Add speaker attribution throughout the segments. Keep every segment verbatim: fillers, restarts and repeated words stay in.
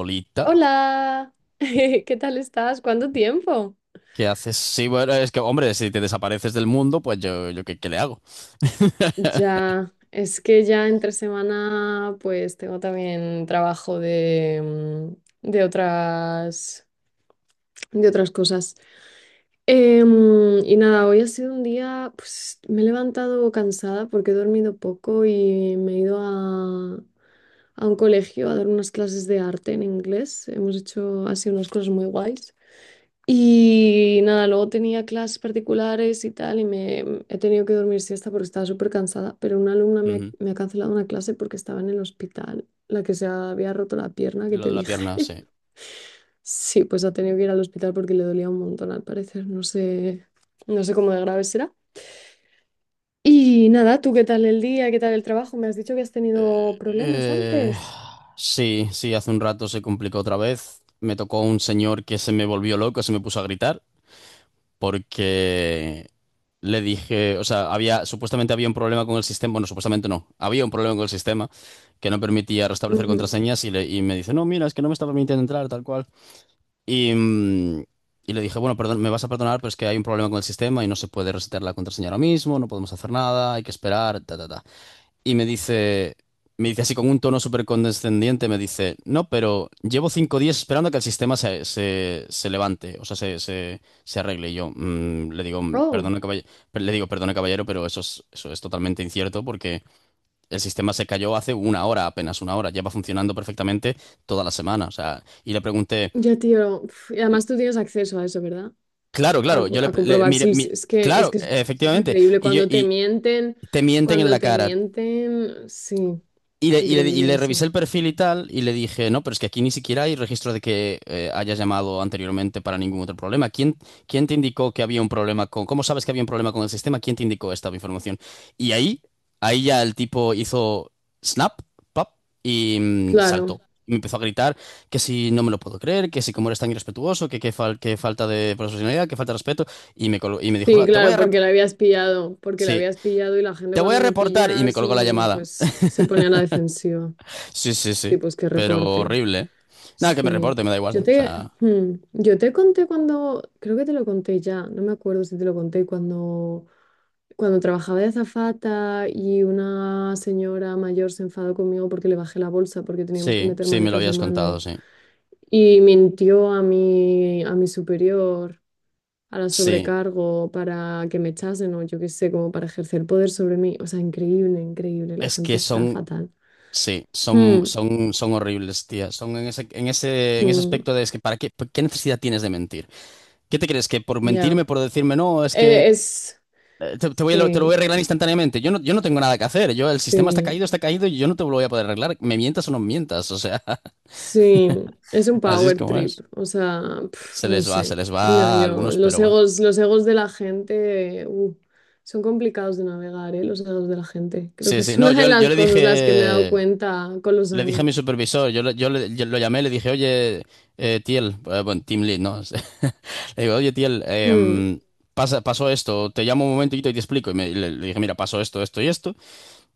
Speaker 1: Olita,
Speaker 2: Hola, ¿qué tal estás? ¿Cuánto tiempo?
Speaker 1: ¿qué haces? Sí, bueno, es que, hombre, si te desapareces del mundo, pues yo, yo ¿qué, qué le hago?
Speaker 2: Ya, es que ya entre semana pues tengo también trabajo de, mm, de otras, de otras cosas. Em, y nada, hoy ha sido un día, pues me he levantado cansada porque he dormido poco y me he ido a, a un colegio a dar unas clases de arte en inglés. Hemos hecho así unas cosas muy guays. Y nada, luego tenía clases particulares y tal, y me mm, he tenido que dormir siesta porque estaba súper cansada, pero una alumna me ha,
Speaker 1: Ujú.
Speaker 2: me ha cancelado una clase porque estaba en el hospital, la que se había roto la pierna que
Speaker 1: Lo
Speaker 2: te
Speaker 1: de la
Speaker 2: dije.
Speaker 1: pierna, sí.
Speaker 2: Sí, pues ha tenido que ir al hospital porque le dolía un montón al parecer, no sé, no sé cómo de grave será. Y nada, ¿tú qué tal el día? ¿Qué tal el trabajo? Me has dicho que has tenido problemas
Speaker 1: Eh,
Speaker 2: antes.
Speaker 1: sí, sí, hace un rato se complicó otra vez. Me tocó un señor que se me volvió loco, se me puso a gritar porque le dije, o sea, había, supuestamente había un problema con el sistema, bueno, supuestamente no, había un problema con el sistema que no permitía restablecer
Speaker 2: Ujú.
Speaker 1: contraseñas y, le- y me dice, no, mira, es que no me está permitiendo entrar, tal cual. Y, mm, y le dije, bueno, perdón, me vas a perdonar, pero es que hay un problema con el sistema y no se puede resetear la contraseña ahora mismo, no podemos hacer nada, hay que esperar, ta, ta, ta. Y me dice, me dice así con un tono súper condescendiente, me dice, no, pero llevo cinco días esperando a que el sistema se, se, se levante, o sea, se, se, se arregle. Y yo mm, le digo,
Speaker 2: Oh,
Speaker 1: perdone, caballero, le digo, perdone, caballero, pero eso es, eso es totalmente incierto porque el sistema se cayó hace una hora, apenas una hora, lleva funcionando perfectamente toda la semana, o sea, y le pregunté...
Speaker 2: ya tío, uf, y además tú tienes acceso a eso, ¿verdad?
Speaker 1: Claro,
Speaker 2: a,
Speaker 1: claro, yo
Speaker 2: co-
Speaker 1: le,
Speaker 2: a
Speaker 1: le-
Speaker 2: comprobar
Speaker 1: mire,
Speaker 2: si es
Speaker 1: mi-
Speaker 2: es que, es
Speaker 1: claro,
Speaker 2: que eso, eso es
Speaker 1: efectivamente,
Speaker 2: increíble.
Speaker 1: y yo,
Speaker 2: Cuando te
Speaker 1: y
Speaker 2: mienten,
Speaker 1: te mienten en
Speaker 2: cuando
Speaker 1: la
Speaker 2: te
Speaker 1: cara,
Speaker 2: mienten, sí,
Speaker 1: y le, y le- y
Speaker 2: increíble
Speaker 1: le
Speaker 2: eso.
Speaker 1: revisé el perfil y tal, y le dije, no, pero es que aquí ni siquiera hay registro de que eh, hayas llamado anteriormente para ningún otro problema. ¿Quién, quién te indicó que había un problema con, cómo sabes que había un problema con el sistema? ¿Quién te indicó esta información? Y ahí, ahí ya el tipo hizo snap, pop, y mm, saltó.
Speaker 2: Claro,
Speaker 1: Y me empezó a gritar que si no me lo puedo creer, que si como eres tan irrespetuoso, que qué fal- que falta de profesionalidad, que falta de respeto, y me, colgó- y me dijo,
Speaker 2: sí,
Speaker 1: "Ah, te voy a
Speaker 2: claro, porque lo
Speaker 1: reportar,
Speaker 2: habías pillado, porque lo
Speaker 1: sí,
Speaker 2: habías pillado y la gente
Speaker 1: te voy a
Speaker 2: cuando le
Speaker 1: reportar", y me
Speaker 2: pillas,
Speaker 1: colgó la
Speaker 2: mm,
Speaker 1: llamada.
Speaker 2: pues se pone a la defensiva.
Speaker 1: Sí, sí,
Speaker 2: Sí,
Speaker 1: sí.
Speaker 2: pues que
Speaker 1: Pero
Speaker 2: reporte.
Speaker 1: horrible, ¿eh? Nada, que me
Speaker 2: Sí,
Speaker 1: reporte, me da
Speaker 2: yo
Speaker 1: igual. O
Speaker 2: te,
Speaker 1: sea,
Speaker 2: hmm, yo te conté cuando, creo que te lo conté ya, no me acuerdo si te lo conté, cuando, cuando trabajaba de azafata y una señora mayor se enfadó conmigo porque le bajé la bolsa porque teníamos que
Speaker 1: sí,
Speaker 2: meter
Speaker 1: sí, me lo
Speaker 2: maletas de
Speaker 1: habías contado,
Speaker 2: mano
Speaker 1: sí.
Speaker 2: y mintió a mi, a mi superior, a la
Speaker 1: Sí,
Speaker 2: sobrecargo para que me echasen o yo qué sé, como para ejercer poder sobre mí. O sea, increíble, increíble, la
Speaker 1: es
Speaker 2: gente
Speaker 1: que
Speaker 2: está
Speaker 1: son,
Speaker 2: fatal.
Speaker 1: sí, son,
Speaker 2: Hmm,
Speaker 1: son, son horribles, tía. Son en ese, en ese, en ese
Speaker 2: hmm,
Speaker 1: aspecto de es que, ¿para qué, qué necesidad tienes de mentir? ¿Qué te crees? Que por
Speaker 2: ya,
Speaker 1: mentirme, por decirme no, es que
Speaker 2: Eh, es,
Speaker 1: eh, te, te voy a lo, te lo voy a
Speaker 2: sí.
Speaker 1: arreglar instantáneamente. Yo no, yo no tengo nada que hacer. Yo, el sistema está
Speaker 2: Sí,
Speaker 1: caído, está caído y yo no te lo voy a poder arreglar. Me mientas o no mientas. O sea,
Speaker 2: sí, es un
Speaker 1: así es
Speaker 2: power
Speaker 1: como
Speaker 2: trip,
Speaker 1: es.
Speaker 2: o sea, pf,
Speaker 1: Se
Speaker 2: no
Speaker 1: les va,
Speaker 2: sé,
Speaker 1: se les va
Speaker 2: no,
Speaker 1: a
Speaker 2: yo,
Speaker 1: algunos,
Speaker 2: los
Speaker 1: pero bueno.
Speaker 2: egos, los egos de la gente, uh, son complicados de navegar, ¿eh? Los egos de la gente, creo
Speaker 1: Sí,
Speaker 2: que
Speaker 1: sí.
Speaker 2: es
Speaker 1: No,
Speaker 2: una de
Speaker 1: yo, yo
Speaker 2: las
Speaker 1: le
Speaker 2: cosas las que me he dado
Speaker 1: dije.
Speaker 2: cuenta con los
Speaker 1: Le dije a mi
Speaker 2: años.
Speaker 1: supervisor, yo, le- yo, le- yo lo llamé, le dije, oye, eh, Tiel, eh, bueno, Team Lead, ¿no? Le digo, oye, Tiel,
Speaker 2: Mm,
Speaker 1: em, pasa, pasó esto, te llamo un momentito y te explico. Y me- le, le dije, mira, pasó esto, esto y esto.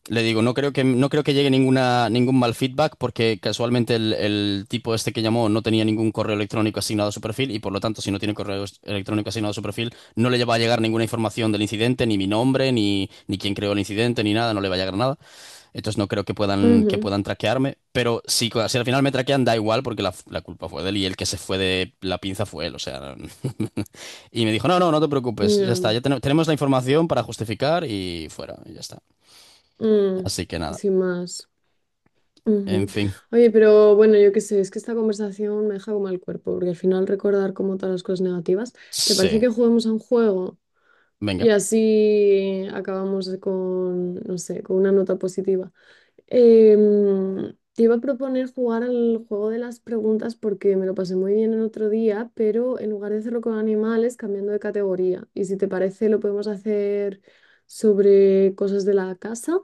Speaker 1: Le digo, no creo que, no creo que llegue ninguna, ningún mal feedback porque casualmente el, el tipo este que llamó no tenía ningún correo electrónico asignado a su perfil y por lo tanto, si no tiene correo electrónico asignado a su perfil, no le va a llegar ninguna información del incidente, ni mi nombre, ni, ni quién creó el incidente, ni nada, no le va a llegar nada. Entonces no creo que puedan, que
Speaker 2: ujú,
Speaker 1: puedan traquearme. Pero si, si al final me traquean, da igual porque la, la culpa fue de él y el que se fue de la pinza fue él. O sea. Y me dijo, no, no, no te preocupes. Ya
Speaker 2: ya,
Speaker 1: está, ya ten- tenemos la información para justificar y fuera. Y ya está.
Speaker 2: mm,
Speaker 1: Así que nada.
Speaker 2: sin más. Ujú.
Speaker 1: En fin.
Speaker 2: Oye, pero bueno, yo qué sé, es que esta conversación me deja como el cuerpo, porque al final recordar como todas las cosas negativas, ¿te parece
Speaker 1: Sí.
Speaker 2: que juguemos a un juego?
Speaker 1: Venga.
Speaker 2: Y así acabamos con, no sé, con una nota positiva. Em, te iba a proponer jugar al juego de las preguntas porque me lo pasé muy bien el otro día, pero en lugar de hacerlo con animales, cambiando de categoría. Y si te parece, lo podemos hacer sobre cosas de la casa.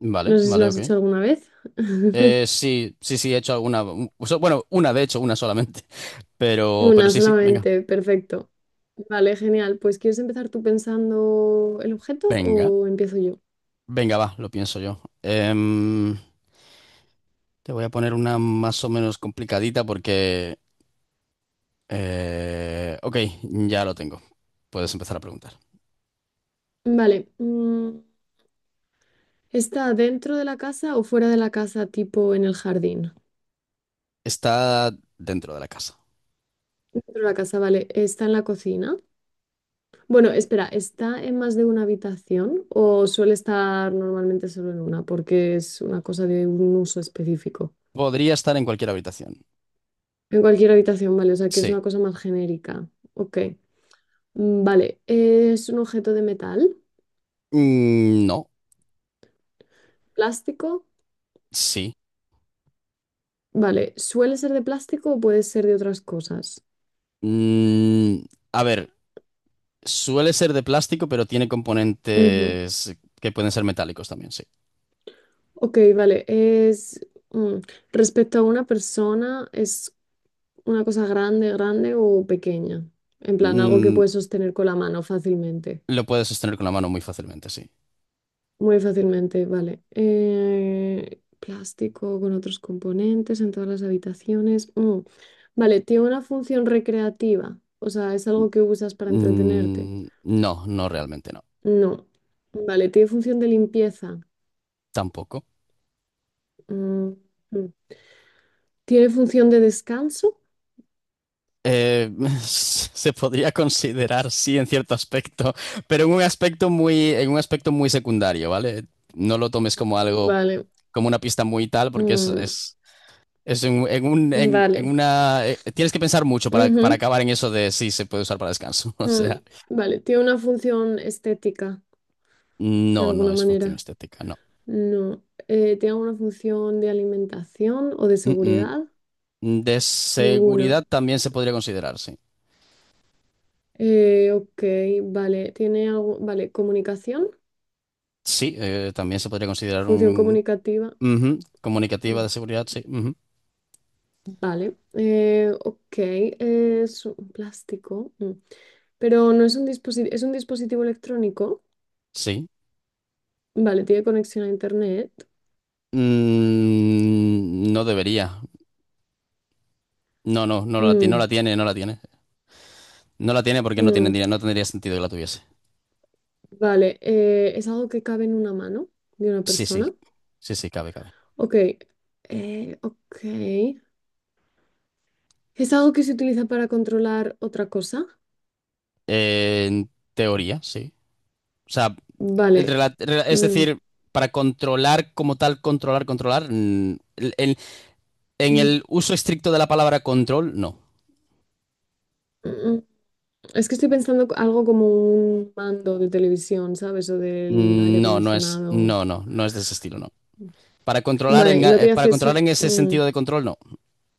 Speaker 1: Vale,
Speaker 2: No sé si lo
Speaker 1: vale,
Speaker 2: has
Speaker 1: ok.
Speaker 2: hecho alguna vez.
Speaker 1: Eh, sí, sí, sí, he hecho alguna. u- so- Bueno, una, de hecho, una solamente. Pero, pero
Speaker 2: Una
Speaker 1: sí, sí, venga.
Speaker 2: solamente, perfecto. Vale, genial. Pues ¿quieres empezar tú pensando el objeto
Speaker 1: Venga.
Speaker 2: o empiezo yo?
Speaker 1: Venga, va, lo pienso yo. Em, te voy a poner una más o menos complicadita porque. Eh, ok, ya lo tengo. Puedes empezar a preguntar.
Speaker 2: Vale. mm, ¿Está dentro de la casa o fuera de la casa, tipo en el jardín?
Speaker 1: Está dentro de la casa.
Speaker 2: Dentro de la casa, vale. ¿Está en la cocina? Bueno, espera, ¿está en más de una habitación o suele estar normalmente solo en una? Porque es una cosa de un uso específico.
Speaker 1: Podría estar en cualquier habitación.
Speaker 2: En cualquier habitación, vale, o sea que es
Speaker 1: Sí.
Speaker 2: una cosa más genérica. Ok. Mm, vale. ¿Es un objeto de metal?
Speaker 1: Mm, no.
Speaker 2: ¿Plástico?
Speaker 1: Sí.
Speaker 2: Vale, ¿suele ser de plástico o puede ser de otras cosas?
Speaker 1: Mm, a ver, suele ser de plástico, pero tiene
Speaker 2: Ujú.
Speaker 1: componentes que pueden ser metálicos también, sí.
Speaker 2: Ok, vale. Es... mm, Respecto a una persona, es ¿una cosa grande, grande o pequeña? En plan, algo que
Speaker 1: Mm,
Speaker 2: puedes sostener con la mano fácilmente.
Speaker 1: lo puedes sostener con la mano muy fácilmente, sí.
Speaker 2: Muy fácilmente, vale. Eh, plástico con otros componentes en todas las habitaciones. Mm. Vale, ¿tiene una función recreativa? O sea, ¿es algo que usas para entretenerte?
Speaker 1: Mm, no, no realmente no.
Speaker 2: No. Vale, ¿tiene función de limpieza?
Speaker 1: Tampoco.
Speaker 2: Mm, mm. ¿Tiene función de descanso?
Speaker 1: Eh, Se podría considerar, sí, en cierto aspecto, pero en un aspecto muy, en un aspecto muy secundario, ¿vale? No lo tomes como algo,
Speaker 2: Vale.
Speaker 1: como una pista muy tal, porque es,
Speaker 2: mm,
Speaker 1: es, es en, en un, en, en
Speaker 2: Vale.
Speaker 1: una... eh, tienes que pensar mucho para, para
Speaker 2: Ujú,
Speaker 1: acabar en eso de si se puede usar para descanso. O
Speaker 2: mm.
Speaker 1: sea,
Speaker 2: Vale, ¿tiene una función estética? De
Speaker 1: no, no
Speaker 2: alguna
Speaker 1: es función
Speaker 2: manera.
Speaker 1: estética, no.
Speaker 2: No. Eh, ¿tiene alguna función de alimentación o de
Speaker 1: Mm,
Speaker 2: seguridad?
Speaker 1: mm. De
Speaker 2: Ninguna.
Speaker 1: seguridad también se podría considerar, sí.
Speaker 2: Eh, ok, vale. ¿Tiene algo? Vale, comunicación,
Speaker 1: Sí, eh, también se podría considerar
Speaker 2: función
Speaker 1: un...
Speaker 2: comunicativa.
Speaker 1: Ujú. Comunicativa de
Speaker 2: Mm,
Speaker 1: seguridad, sí. Ujú.
Speaker 2: Vale. Eh, ok, es un plástico. mm. Pero no es un dispositivo, es un dispositivo electrónico.
Speaker 1: Sí.
Speaker 2: Vale, tiene conexión a internet.
Speaker 1: Mm, no debería. No, no, no la, ti- no
Speaker 2: Mm,
Speaker 1: la tiene, no la tiene. No la tiene porque no tiene,
Speaker 2: mm.
Speaker 1: dinero, no tendría sentido que la tuviese.
Speaker 2: Vale, eh, es algo que cabe en una mano de una
Speaker 1: Sí, sí,
Speaker 2: persona.
Speaker 1: sí, sí, cabe, cabe.
Speaker 2: Ok, eh, ok. ¿Es algo que se utiliza para controlar otra cosa?
Speaker 1: Eh, en teoría, sí. O sea, el
Speaker 2: Vale. eh,
Speaker 1: rela- rela- es
Speaker 2: mm,
Speaker 1: decir, para controlar como tal, controlar, controlar, mm, el- el- en
Speaker 2: mm,
Speaker 1: el uso estricto de la palabra control, no.
Speaker 2: mm, mm. Es que estoy pensando co- algo como un mando de televisión, ¿sabes? O del aire
Speaker 1: Mm, No, no es,
Speaker 2: acondicionado.
Speaker 1: no, no, no es de ese estilo, no. Para controlar en,
Speaker 2: Vale, no
Speaker 1: eh,
Speaker 2: tiene
Speaker 1: para controlar
Speaker 2: acceso.
Speaker 1: en ese
Speaker 2: mm.
Speaker 1: sentido de control, no.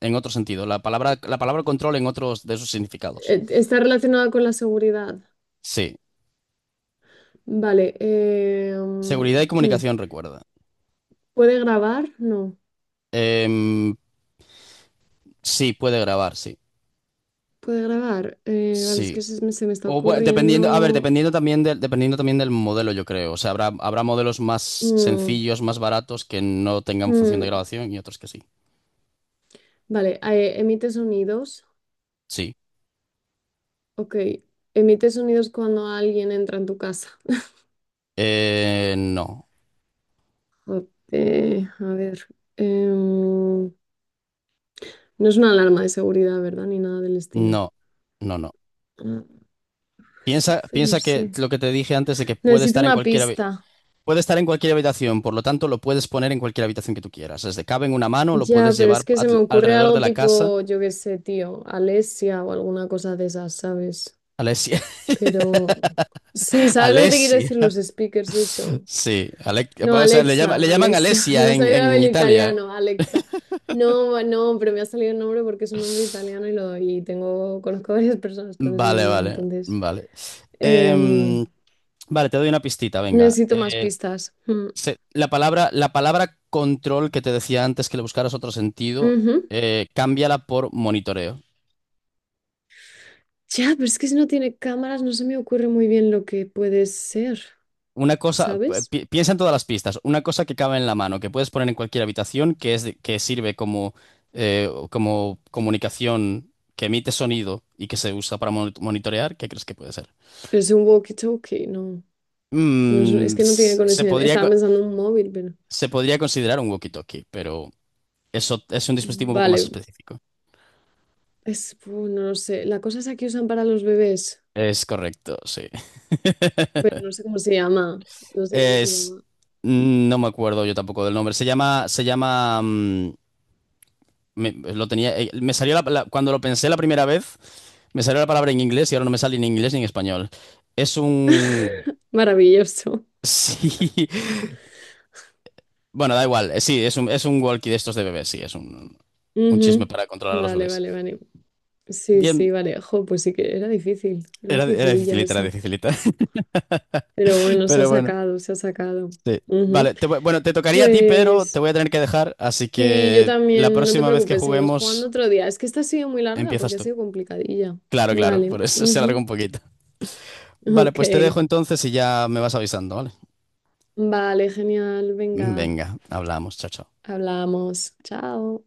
Speaker 1: En otro sentido, la palabra, la palabra control en otros de sus significados.
Speaker 2: Eh, Está relacionado con la seguridad.
Speaker 1: Sí.
Speaker 2: Vale. eh, mm,
Speaker 1: Seguridad y
Speaker 2: mm.
Speaker 1: comunicación, recuerda.
Speaker 2: ¿Puede grabar? No.
Speaker 1: Em, sí, puede grabar, sí.
Speaker 2: ¿Puede grabar? Eh, vale, es que
Speaker 1: Sí.
Speaker 2: se me, se me está
Speaker 1: O bu- dependiendo, a ver,
Speaker 2: ocurriendo.
Speaker 1: dependiendo también del, dependiendo también del modelo, yo creo. O sea, habrá, habrá modelos más
Speaker 2: Mm,
Speaker 1: sencillos, más baratos, que no tengan función de
Speaker 2: mm.
Speaker 1: grabación y otros que sí.
Speaker 2: Vale, eh, emite sonidos.
Speaker 1: Sí.
Speaker 2: Ok, emite sonidos cuando alguien entra en tu casa.
Speaker 1: Eh, no.
Speaker 2: Eh, a ver, em, no es una alarma de seguridad, ¿verdad? Ni nada del estilo.
Speaker 1: No. No, no.
Speaker 2: Mm, Es que
Speaker 1: Piensa,
Speaker 2: entonces no
Speaker 1: piensa que
Speaker 2: sé.
Speaker 1: lo que te dije antes de que puede
Speaker 2: Necesito
Speaker 1: estar en
Speaker 2: una
Speaker 1: cualquier habi-
Speaker 2: pista.
Speaker 1: puede estar en cualquier habitación, por lo tanto lo puedes poner en cualquier habitación que tú quieras. Desde cabe en una mano, lo puedes
Speaker 2: Ya, pero es
Speaker 1: llevar
Speaker 2: que se me
Speaker 1: al-
Speaker 2: ocurre
Speaker 1: alrededor de
Speaker 2: algo
Speaker 1: la casa.
Speaker 2: tipo, yo qué sé, tío, Alesia o alguna cosa de esas, ¿sabes?
Speaker 1: Alessia.
Speaker 2: Pero sí, ¿sabes lo que te quiero decir?
Speaker 1: Alessia.
Speaker 2: Los speakers, eso.
Speaker 1: Sí, Ale-
Speaker 2: No,
Speaker 1: o sea, le llama- le
Speaker 2: Alexa,
Speaker 1: llaman
Speaker 2: Alessia, me
Speaker 1: Alesia
Speaker 2: ha
Speaker 1: en,
Speaker 2: salido
Speaker 1: en
Speaker 2: el
Speaker 1: Italia.
Speaker 2: italiano, Alexa. No, no, pero me ha salido el nombre porque es un nombre italiano y lo y tengo, conozco a varias personas con ese
Speaker 1: Vale,
Speaker 2: nombre,
Speaker 1: vale,
Speaker 2: entonces
Speaker 1: vale.
Speaker 2: em,
Speaker 1: Em, vale, te doy una pistita, venga.
Speaker 2: necesito más
Speaker 1: Eh,
Speaker 2: pistas. Mm,
Speaker 1: se- la palabra, la palabra control que te decía antes que le buscaras otro sentido,
Speaker 2: ujú.
Speaker 1: eh, cámbiala por monitoreo.
Speaker 2: Ya, pero es que si no tiene cámaras no se me ocurre muy bien lo que puede ser,
Speaker 1: Una cosa, eh,
Speaker 2: ¿sabes?
Speaker 1: pi- piensa en todas las pistas, una cosa que cabe en la mano, que puedes poner en cualquier habitación, que es de- que sirve como, eh, como comunicación, que emite sonido y que se usa para mon- monitorear, ¿qué crees que puede ser?
Speaker 2: Pero es un walkie-talkie, no, no es,
Speaker 1: Mm,
Speaker 2: es que no tiene
Speaker 1: s- se
Speaker 2: conexión.
Speaker 1: podría, co-
Speaker 2: Estaba pensando en un móvil, pero
Speaker 1: se podría considerar un walkie-talkie, pero eso es un dispositivo un poco más
Speaker 2: vale,
Speaker 1: específico.
Speaker 2: es, uh, no lo sé. La cosa es que usan para los bebés.
Speaker 1: Es correcto, sí.
Speaker 2: Pero no sé cómo se llama, no sé cómo se
Speaker 1: Es,
Speaker 2: llama.
Speaker 1: no me acuerdo yo tampoco del nombre. Se llama, se llama, mm, me, Lo tenía, eh, me salió la- la- cuando lo pensé la primera vez, me salió la palabra en inglés y ahora no me sale ni en inglés ni en español. Es un,
Speaker 2: Maravilloso.
Speaker 1: sí, bueno, da igual. Eh, Sí, es un, es un walkie de estos de bebés, sí, es un, un chisme
Speaker 2: Ujú.
Speaker 1: para controlar a los
Speaker 2: Vale,
Speaker 1: bebés.
Speaker 2: vale, vale. Sí,
Speaker 1: Bien,
Speaker 2: sí, vale. Jo, pues sí que era difícil, era
Speaker 1: era, era
Speaker 2: dificililla
Speaker 1: dificilita, era
Speaker 2: esa.
Speaker 1: dificilita.
Speaker 2: Pero bueno, se ha
Speaker 1: Pero bueno,
Speaker 2: sacado, se ha sacado.
Speaker 1: sí. Vale,
Speaker 2: Ujú.
Speaker 1: te voy- bueno, te tocaría a ti, pero te
Speaker 2: Pues
Speaker 1: voy a tener que dejar, así
Speaker 2: sí, yo
Speaker 1: que la
Speaker 2: también, no te
Speaker 1: próxima vez que
Speaker 2: preocupes, seguimos jugando
Speaker 1: juguemos
Speaker 2: otro día. Es que esta ha sido muy larga
Speaker 1: empiezas
Speaker 2: porque ha
Speaker 1: tú.
Speaker 2: sido complicadilla.
Speaker 1: Claro, claro,
Speaker 2: Vale,
Speaker 1: por eso se alargó
Speaker 2: ujú.
Speaker 1: un poquito. Vale,
Speaker 2: Ok.
Speaker 1: pues te dejo entonces y ya me vas avisando, ¿vale?
Speaker 2: Vale, genial, venga,
Speaker 1: Venga, hablamos, chao, chao.
Speaker 2: hablamos. Chao.